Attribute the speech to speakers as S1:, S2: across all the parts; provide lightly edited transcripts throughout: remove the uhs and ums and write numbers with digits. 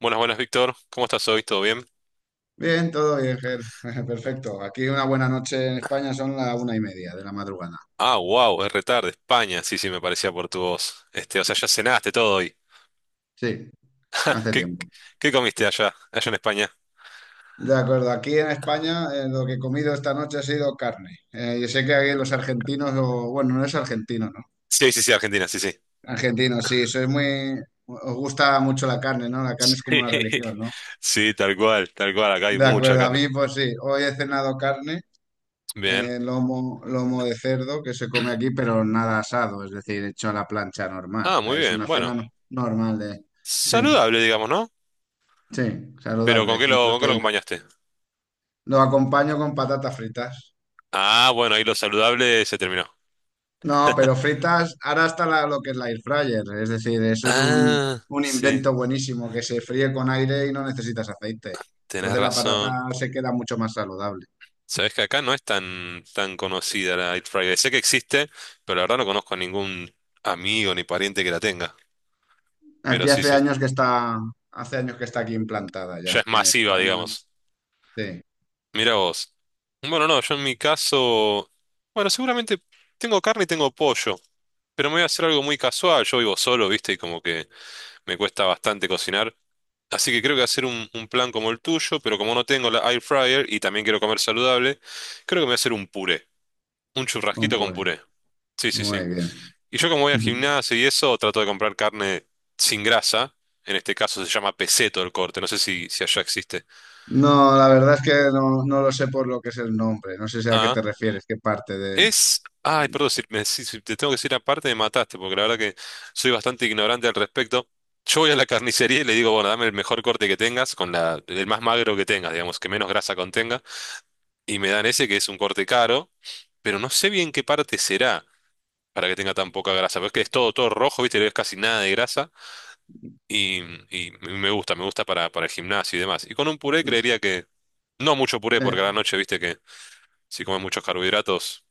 S1: Buenas, buenas, Víctor. ¿Cómo estás hoy? ¿Todo bien?
S2: Bien, todo bien, Ger. Perfecto. Aquí una buena noche en España son las 1:30 de la madrugada.
S1: Ah, wow, es retarde, España. Sí, sí, me parecía por tu voz. Este, o sea, ya cenaste todo hoy.
S2: Sí, hace
S1: ¿Qué,
S2: tiempo.
S1: qué comiste allá en España?
S2: De acuerdo, aquí en España lo que he comido esta noche ha sido carne. Yo sé que aquí los argentinos, o, bueno, no es argentino, ¿no?
S1: Sí, sí, sí, Argentina, sí, sí.
S2: Argentino, sí, sois muy... Os gusta mucho la carne, ¿no? La carne
S1: Sí,
S2: es como una religión, ¿no?
S1: sí, tal cual, tal cual. Acá hay
S2: De
S1: mucha
S2: acuerdo, a
S1: carne.
S2: mí pues sí, hoy he cenado carne,
S1: Bien.
S2: lomo de cerdo que se come aquí, pero nada asado, es decir, hecho a la plancha normal.
S1: Ah, muy
S2: Es
S1: bien.
S2: una
S1: Bueno,
S2: cena normal de... Sí,
S1: saludable, digamos, ¿no?
S2: sí,
S1: Pero ¿con
S2: saludable
S1: qué
S2: y
S1: lo, con qué lo
S2: proteína.
S1: acompañaste?
S2: Lo acompaño con patatas fritas.
S1: Ah, bueno, ahí lo saludable se terminó.
S2: No, pero fritas, ahora está lo que es la air fryer, es decir, eso es un,
S1: Ah,
S2: un
S1: sí,
S2: invento buenísimo que se fríe con aire y no necesitas aceite.
S1: tenés
S2: Entonces la
S1: razón.
S2: patata se queda mucho más saludable.
S1: Sabes que acá no es tan conocida la Eat Friday. Sé que existe, pero la verdad no conozco a ningún amigo ni pariente que la tenga. Pero
S2: Aquí
S1: sí, sí.
S2: hace años que está aquí implantada ya,
S1: Ya es
S2: en
S1: masiva,
S2: España.
S1: digamos.
S2: Sí,
S1: Mira vos. Bueno, no, yo en mi caso. Bueno, seguramente tengo carne y tengo pollo. Pero me voy a hacer algo muy casual. Yo vivo solo, ¿viste? Y como que me cuesta bastante cocinar. Así que creo que hacer un plan como el tuyo, pero como no tengo la air fryer y también quiero comer saludable, creo que me voy a hacer un puré. Un
S2: un
S1: churrasquito con
S2: poco.
S1: puré. Sí, sí, sí.
S2: Muy bien.
S1: Y yo como voy al gimnasio y eso, trato de comprar carne sin grasa. En este caso se llama peseto el corte, no sé si allá existe.
S2: No, la verdad es que no lo sé por lo que es el nombre. No sé si a qué
S1: Ah,
S2: te refieres, qué parte de...
S1: es... Ay, perdón, si, si te tengo que decir aparte me mataste, porque la verdad que soy bastante ignorante al respecto. Yo voy a la carnicería y le digo, bueno, dame el mejor corte que tengas, con la, el más magro que tengas, digamos, que menos grasa contenga. Y me dan ese que es un corte caro, pero no sé bien qué parte será para que tenga tan poca grasa. Porque es que es todo, todo rojo, ¿viste? No es casi nada de grasa. Y, y me gusta para el gimnasio y demás. Y con un puré creería que no mucho puré, porque
S2: Eh,
S1: a la noche, viste que si comes muchos carbohidratos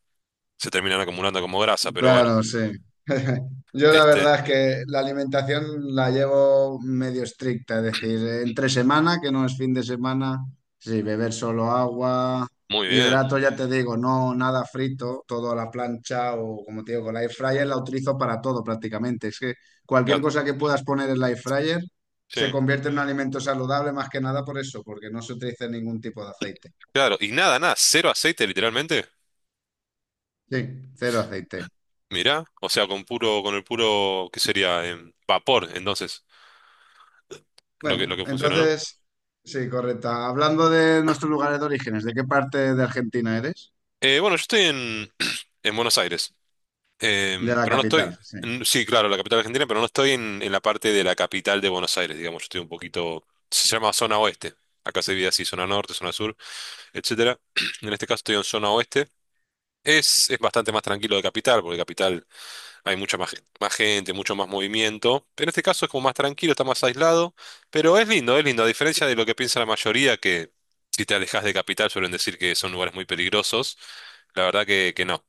S1: se terminan acumulando como grasa, pero bueno,
S2: Claro, sí. Yo la
S1: este,
S2: verdad es que la alimentación la llevo medio estricta, es decir, entre semana, que no es fin de semana, sí, beber solo agua,
S1: muy bien,
S2: hidrato, ya te digo, no nada frito, todo a la plancha o como te digo, con la air fryer la utilizo para todo prácticamente. Es que cualquier
S1: grande.
S2: cosa que puedas poner en la air fryer se
S1: Sí,
S2: convierte en un alimento saludable más que nada por eso, porque no se utiliza ningún tipo de aceite.
S1: claro, y nada, nada, cero aceite literalmente.
S2: Sí, cero aceite.
S1: Mirá, o sea, con puro, con el puro, ¿qué sería? Vapor, entonces, lo que, lo
S2: Bueno,
S1: que funciona, ¿no?
S2: entonces, sí, correcta. Hablando de nuestros lugares de orígenes, ¿de qué parte de Argentina eres?
S1: Bueno, yo estoy en Buenos Aires.
S2: De la
S1: Pero no estoy,
S2: capital, sí,
S1: sí, claro, la capital argentina, pero no estoy en la parte de la capital de Buenos Aires, digamos, yo estoy un poquito, se llama zona oeste, acá se divide así, zona norte, zona sur, etcétera. En este caso estoy en zona oeste. Es bastante más tranquilo de capital, porque capital hay mucha más, más gente, mucho más movimiento. En este caso es como más tranquilo, está más aislado, pero es lindo, a diferencia de lo que piensa la mayoría, que si te alejas de capital suelen decir que son lugares muy peligrosos. La verdad que no.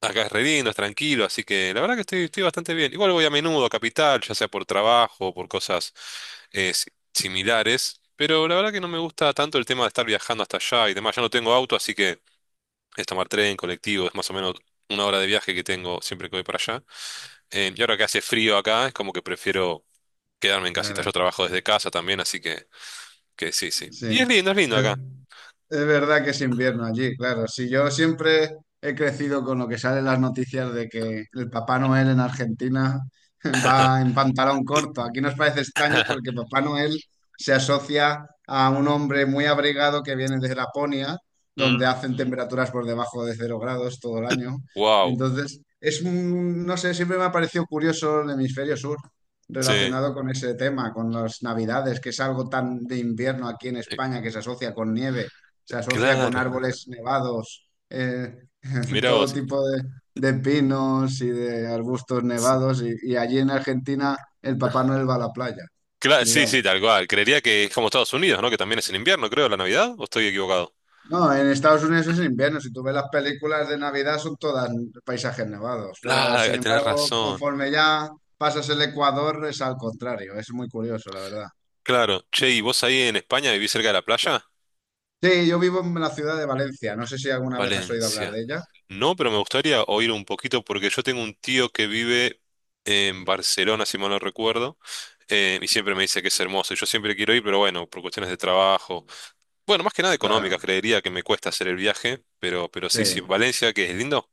S1: Acá es re lindo, es tranquilo, así que la verdad que estoy, estoy bastante bien. Igual voy a menudo a Capital, ya sea por trabajo o por cosas similares, pero la verdad que no me gusta tanto el tema de estar viajando hasta allá y demás. Ya no tengo auto, así que es tomar tren, colectivo, es más o menos una hora de viaje que tengo siempre que voy para allá. Y ahora que hace frío acá, es como que prefiero quedarme en casita. Yo
S2: claro,
S1: trabajo desde casa también, así que sí, sí. Y
S2: sí.
S1: es lindo
S2: Eh,
S1: acá.
S2: Es verdad que es invierno allí, claro. Si yo siempre he crecido con lo que sale en las noticias de que el Papá Noel en Argentina va en pantalón corto. Aquí nos parece extraño porque Papá Noel se asocia a un hombre muy abrigado que viene de Laponia, donde
S1: Mm,
S2: hacen temperaturas por debajo de 0 grados todo el año.
S1: wow,
S2: Entonces, es un, no sé, siempre me ha parecido curioso el hemisferio sur
S1: sí,
S2: relacionado con ese tema, con las navidades, que es algo tan de invierno aquí en
S1: Eh,
S2: España que se asocia con nieve, se asocia con
S1: claro.
S2: árboles nevados,
S1: Mirá
S2: todo
S1: vos.
S2: tipo de pinos y de arbustos
S1: Sí.
S2: nevados, y allí en Argentina el Papá Noel va a la playa,
S1: Claro, sí,
S2: digamos.
S1: sí, tal cual. Creería que es como Estados Unidos, ¿no? Que también es en invierno, creo, la Navidad, ¿o estoy equivocado?
S2: No, en Estados Unidos es invierno, si tú ves las películas de Navidad son todas paisajes nevados, pero sin
S1: Claro, tenés
S2: embargo,
S1: razón.
S2: conforme ya pasas el Ecuador es al contrario, es muy curioso, la verdad.
S1: Claro. Che, ¿y vos ahí en España vivís cerca de la playa?
S2: Sí, yo vivo en la ciudad de Valencia, no sé si alguna vez has oído hablar de
S1: Valencia.
S2: ella.
S1: No, pero me gustaría oír un poquito porque yo tengo un tío que vive en Barcelona, si mal no recuerdo, y siempre me dice que es hermoso. Y yo siempre quiero ir, pero bueno, por cuestiones de trabajo. Bueno, más que nada económicas,
S2: Claro,
S1: creería que me cuesta hacer el viaje, pero sí, sí.
S2: sí.
S1: Valencia, que es lindo.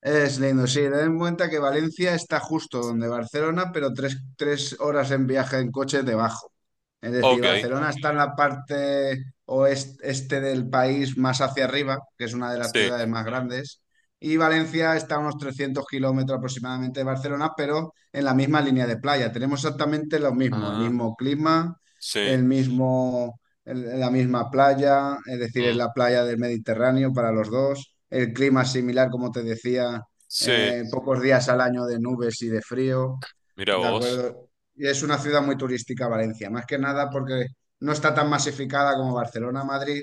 S2: Es lindo, sí, ten en cuenta que Valencia está justo donde Barcelona, pero tres horas en viaje en coche debajo. Es decir,
S1: Ok,
S2: Barcelona está en la parte oeste este del país más hacia arriba, que es una de las
S1: sí.
S2: ciudades más grandes, y Valencia está a unos 300 kilómetros aproximadamente de Barcelona, pero en la misma línea de playa. Tenemos exactamente lo mismo, el
S1: Ah,
S2: mismo clima,
S1: sí.
S2: el mismo la misma playa, es decir, es
S1: Mm,
S2: la playa del Mediterráneo para los dos. El clima es similar, como te decía,
S1: sí.
S2: pocos días al año de nubes y de frío,
S1: Mira
S2: ¿de
S1: vos.
S2: acuerdo? Y es una ciudad muy turística, Valencia, más que nada porque no está tan masificada como Barcelona, Madrid,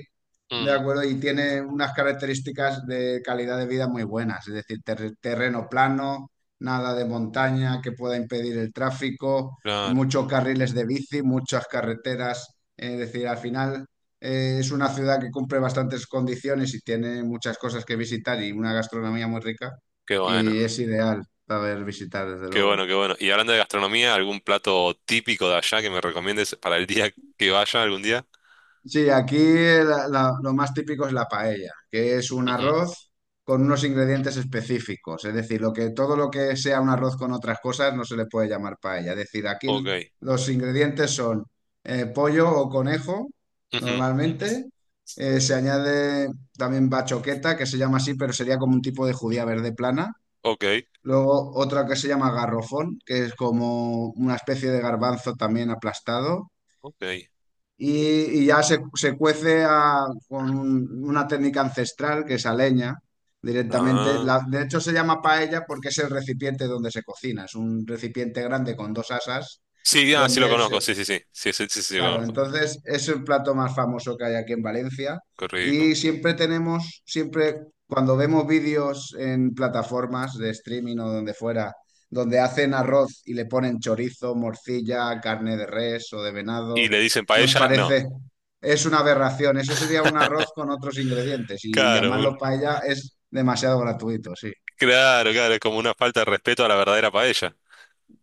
S2: ¿de
S1: Mm,
S2: acuerdo? Y tiene unas características de calidad de vida muy buenas, es decir, terreno plano, nada de montaña que pueda impedir el tráfico,
S1: claro.
S2: muchos carriles de bici, muchas carreteras. Es decir, al final es una ciudad que cumple bastantes condiciones y tiene muchas cosas que visitar y una gastronomía muy rica.
S1: Qué bueno.
S2: Y es ideal saber visitar, desde
S1: Qué
S2: luego.
S1: bueno, qué bueno. Y hablando de gastronomía, ¿algún plato típico de allá que me recomiendes para el día que vaya algún día?
S2: Sí, aquí lo más típico es la paella, que es un
S1: Ujú,
S2: arroz con unos ingredientes específicos. Es decir, lo que, todo lo que sea un arroz con otras cosas no se le puede llamar paella. Es decir, aquí
S1: Ok.
S2: los ingredientes son pollo o conejo,
S1: Ujú,
S2: normalmente. Se añade también bachoqueta, que se llama así, pero sería como un tipo de judía verde plana.
S1: Ok.
S2: Luego otra que se llama garrofón, que es como una especie de garbanzo también aplastado,
S1: Ok.
S2: y ya se cuece con una técnica ancestral que es a leña directamente.
S1: Ah.
S2: De hecho, se llama paella porque es el recipiente donde se cocina. Es un recipiente grande con dos asas
S1: Sí, ah, sí lo
S2: donde se
S1: conozco. Sí, sí, sí. Sí, sí, sí, sí lo
S2: Claro,
S1: conozco.
S2: entonces es el plato más famoso que hay aquí en Valencia,
S1: Qué rico.
S2: y siempre cuando vemos vídeos en plataformas de streaming o donde fuera, donde hacen arroz y le ponen chorizo, morcilla, carne de res o de
S1: ¿Y
S2: venado,
S1: le dicen
S2: nos
S1: paella? No.
S2: parece, es una aberración, eso sería un arroz con otros ingredientes y
S1: Claro,
S2: llamarlo
S1: un-
S2: paella es demasiado gratuito, sí.
S1: claro, claro. Es como una falta de respeto a la verdadera paella.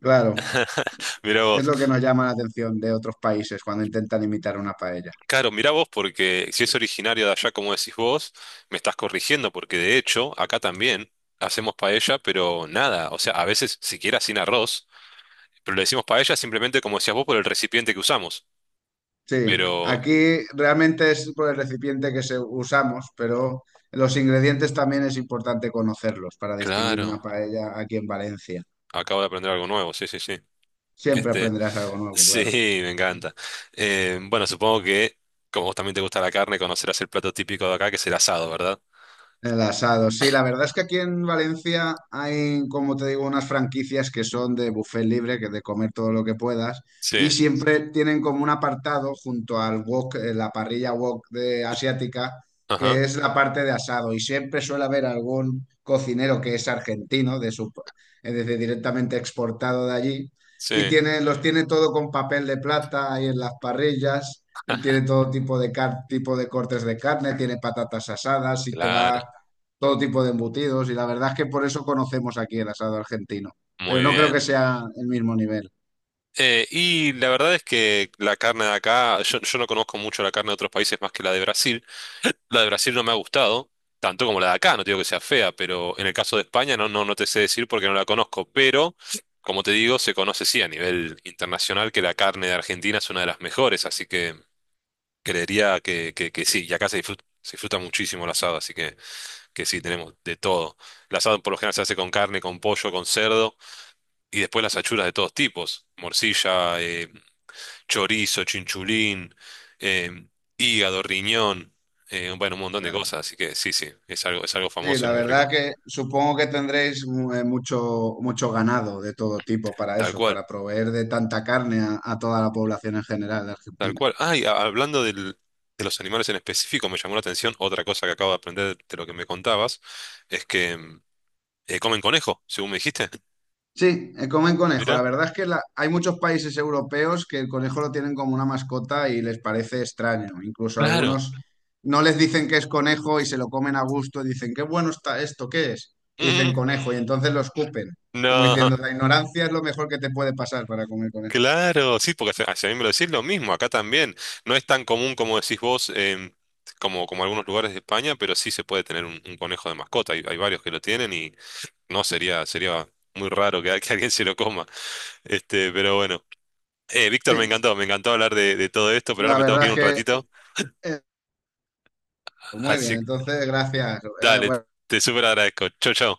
S2: Claro,
S1: Mira
S2: es
S1: vos.
S2: lo que nos llama la atención de otros países cuando intentan imitar una paella.
S1: Claro, mirá vos, porque si es originario de allá, como decís vos, me estás corrigiendo, porque de hecho, acá también hacemos paella, pero nada, o sea, a veces siquiera sin arroz, pero le decimos paella simplemente, como decías vos, por el recipiente que usamos.
S2: Sí,
S1: Pero,
S2: aquí realmente es por el recipiente que se usamos, pero los ingredientes también es importante conocerlos para distinguir
S1: claro,
S2: una paella aquí en Valencia.
S1: acabo de aprender algo nuevo, sí, sí, sí.
S2: Siempre
S1: Este,
S2: aprenderás algo nuevo,
S1: sí,
S2: claro.
S1: me encanta. Bueno, supongo que, como vos también te gusta la carne, conocerás el plato típico de acá, que es el asado, ¿verdad?
S2: El asado, sí, la verdad es que aquí en Valencia hay, como te digo, unas franquicias que son de buffet libre, que de comer todo lo que puedas,
S1: Sí,
S2: y siempre tienen como un apartado junto al wok, la parrilla wok de asiática,
S1: ajá,
S2: que es la parte de asado, y siempre suele haber algún cocinero que es argentino, de su, es decir, directamente exportado de allí,
S1: sí,
S2: y los tiene todo con papel de plata ahí en las parrillas, y tiene todo tipo de tipo de cortes de carne, tiene patatas asadas, y te va
S1: claro,
S2: todo tipo de embutidos y la verdad es que por eso conocemos aquí el asado argentino, pero
S1: muy
S2: no creo
S1: bien.
S2: que sea el mismo nivel.
S1: Y la verdad es que la carne de acá, yo no conozco mucho la carne de otros países más que la de Brasil. La de Brasil no me ha gustado, tanto como la de acá, no te digo que sea fea, pero en el caso de España no, no, no te sé decir porque no la conozco. Pero, como te digo, se conoce sí a nivel internacional que la carne de Argentina es una de las mejores, así que creería que sí. Y acá se disfruta muchísimo el asado, así que sí, tenemos de todo. El asado por lo general se hace con carne, con pollo, con cerdo y después las achuras de todos tipos, morcilla. Chorizo, chinchulín, em, hígado, riñón, bueno, un montón de
S2: Claro.
S1: cosas, así que sí, sí, es algo
S2: Sí,
S1: famoso
S2: la
S1: y muy rico.
S2: verdad que supongo que tendréis mucho ganado de todo tipo para
S1: Tal
S2: eso,
S1: cual,
S2: para proveer de tanta carne a toda la población en general de
S1: tal
S2: Argentina.
S1: cual. Hablando de los animales en específico, me llamó la atención otra cosa que acabo de aprender de lo que me contabas, es que comen conejo, según me dijiste.
S2: Sí, comen conejo. La
S1: Mirá,
S2: verdad es que hay muchos países europeos que el conejo lo tienen como una mascota y les parece extraño. Incluso
S1: claro.
S2: algunos no les dicen que es conejo y se lo comen a gusto y dicen, qué bueno está esto, ¿qué es? Y
S1: Mm,
S2: dicen conejo y entonces lo escupen, como
S1: no,
S2: diciendo, la ignorancia es lo mejor que te puede pasar para comer conejo.
S1: Claro, sí, porque a mí me lo decís lo mismo, acá también. No es tan común como decís vos, como, como algunos lugares de España, pero sí se puede tener un conejo de mascota. Hay varios que lo tienen y no sería, sería muy raro que, que alguien se lo coma. Este, pero bueno. Víctor,
S2: Sí,
S1: me encantó hablar de todo esto, pero ahora
S2: la
S1: me tengo que
S2: verdad
S1: ir un
S2: es que
S1: ratito.
S2: eh, pues muy bien.
S1: Así que
S2: Entonces, gracias. Eh,
S1: dale,
S2: bueno,
S1: te súper agradezco. Chau, chau.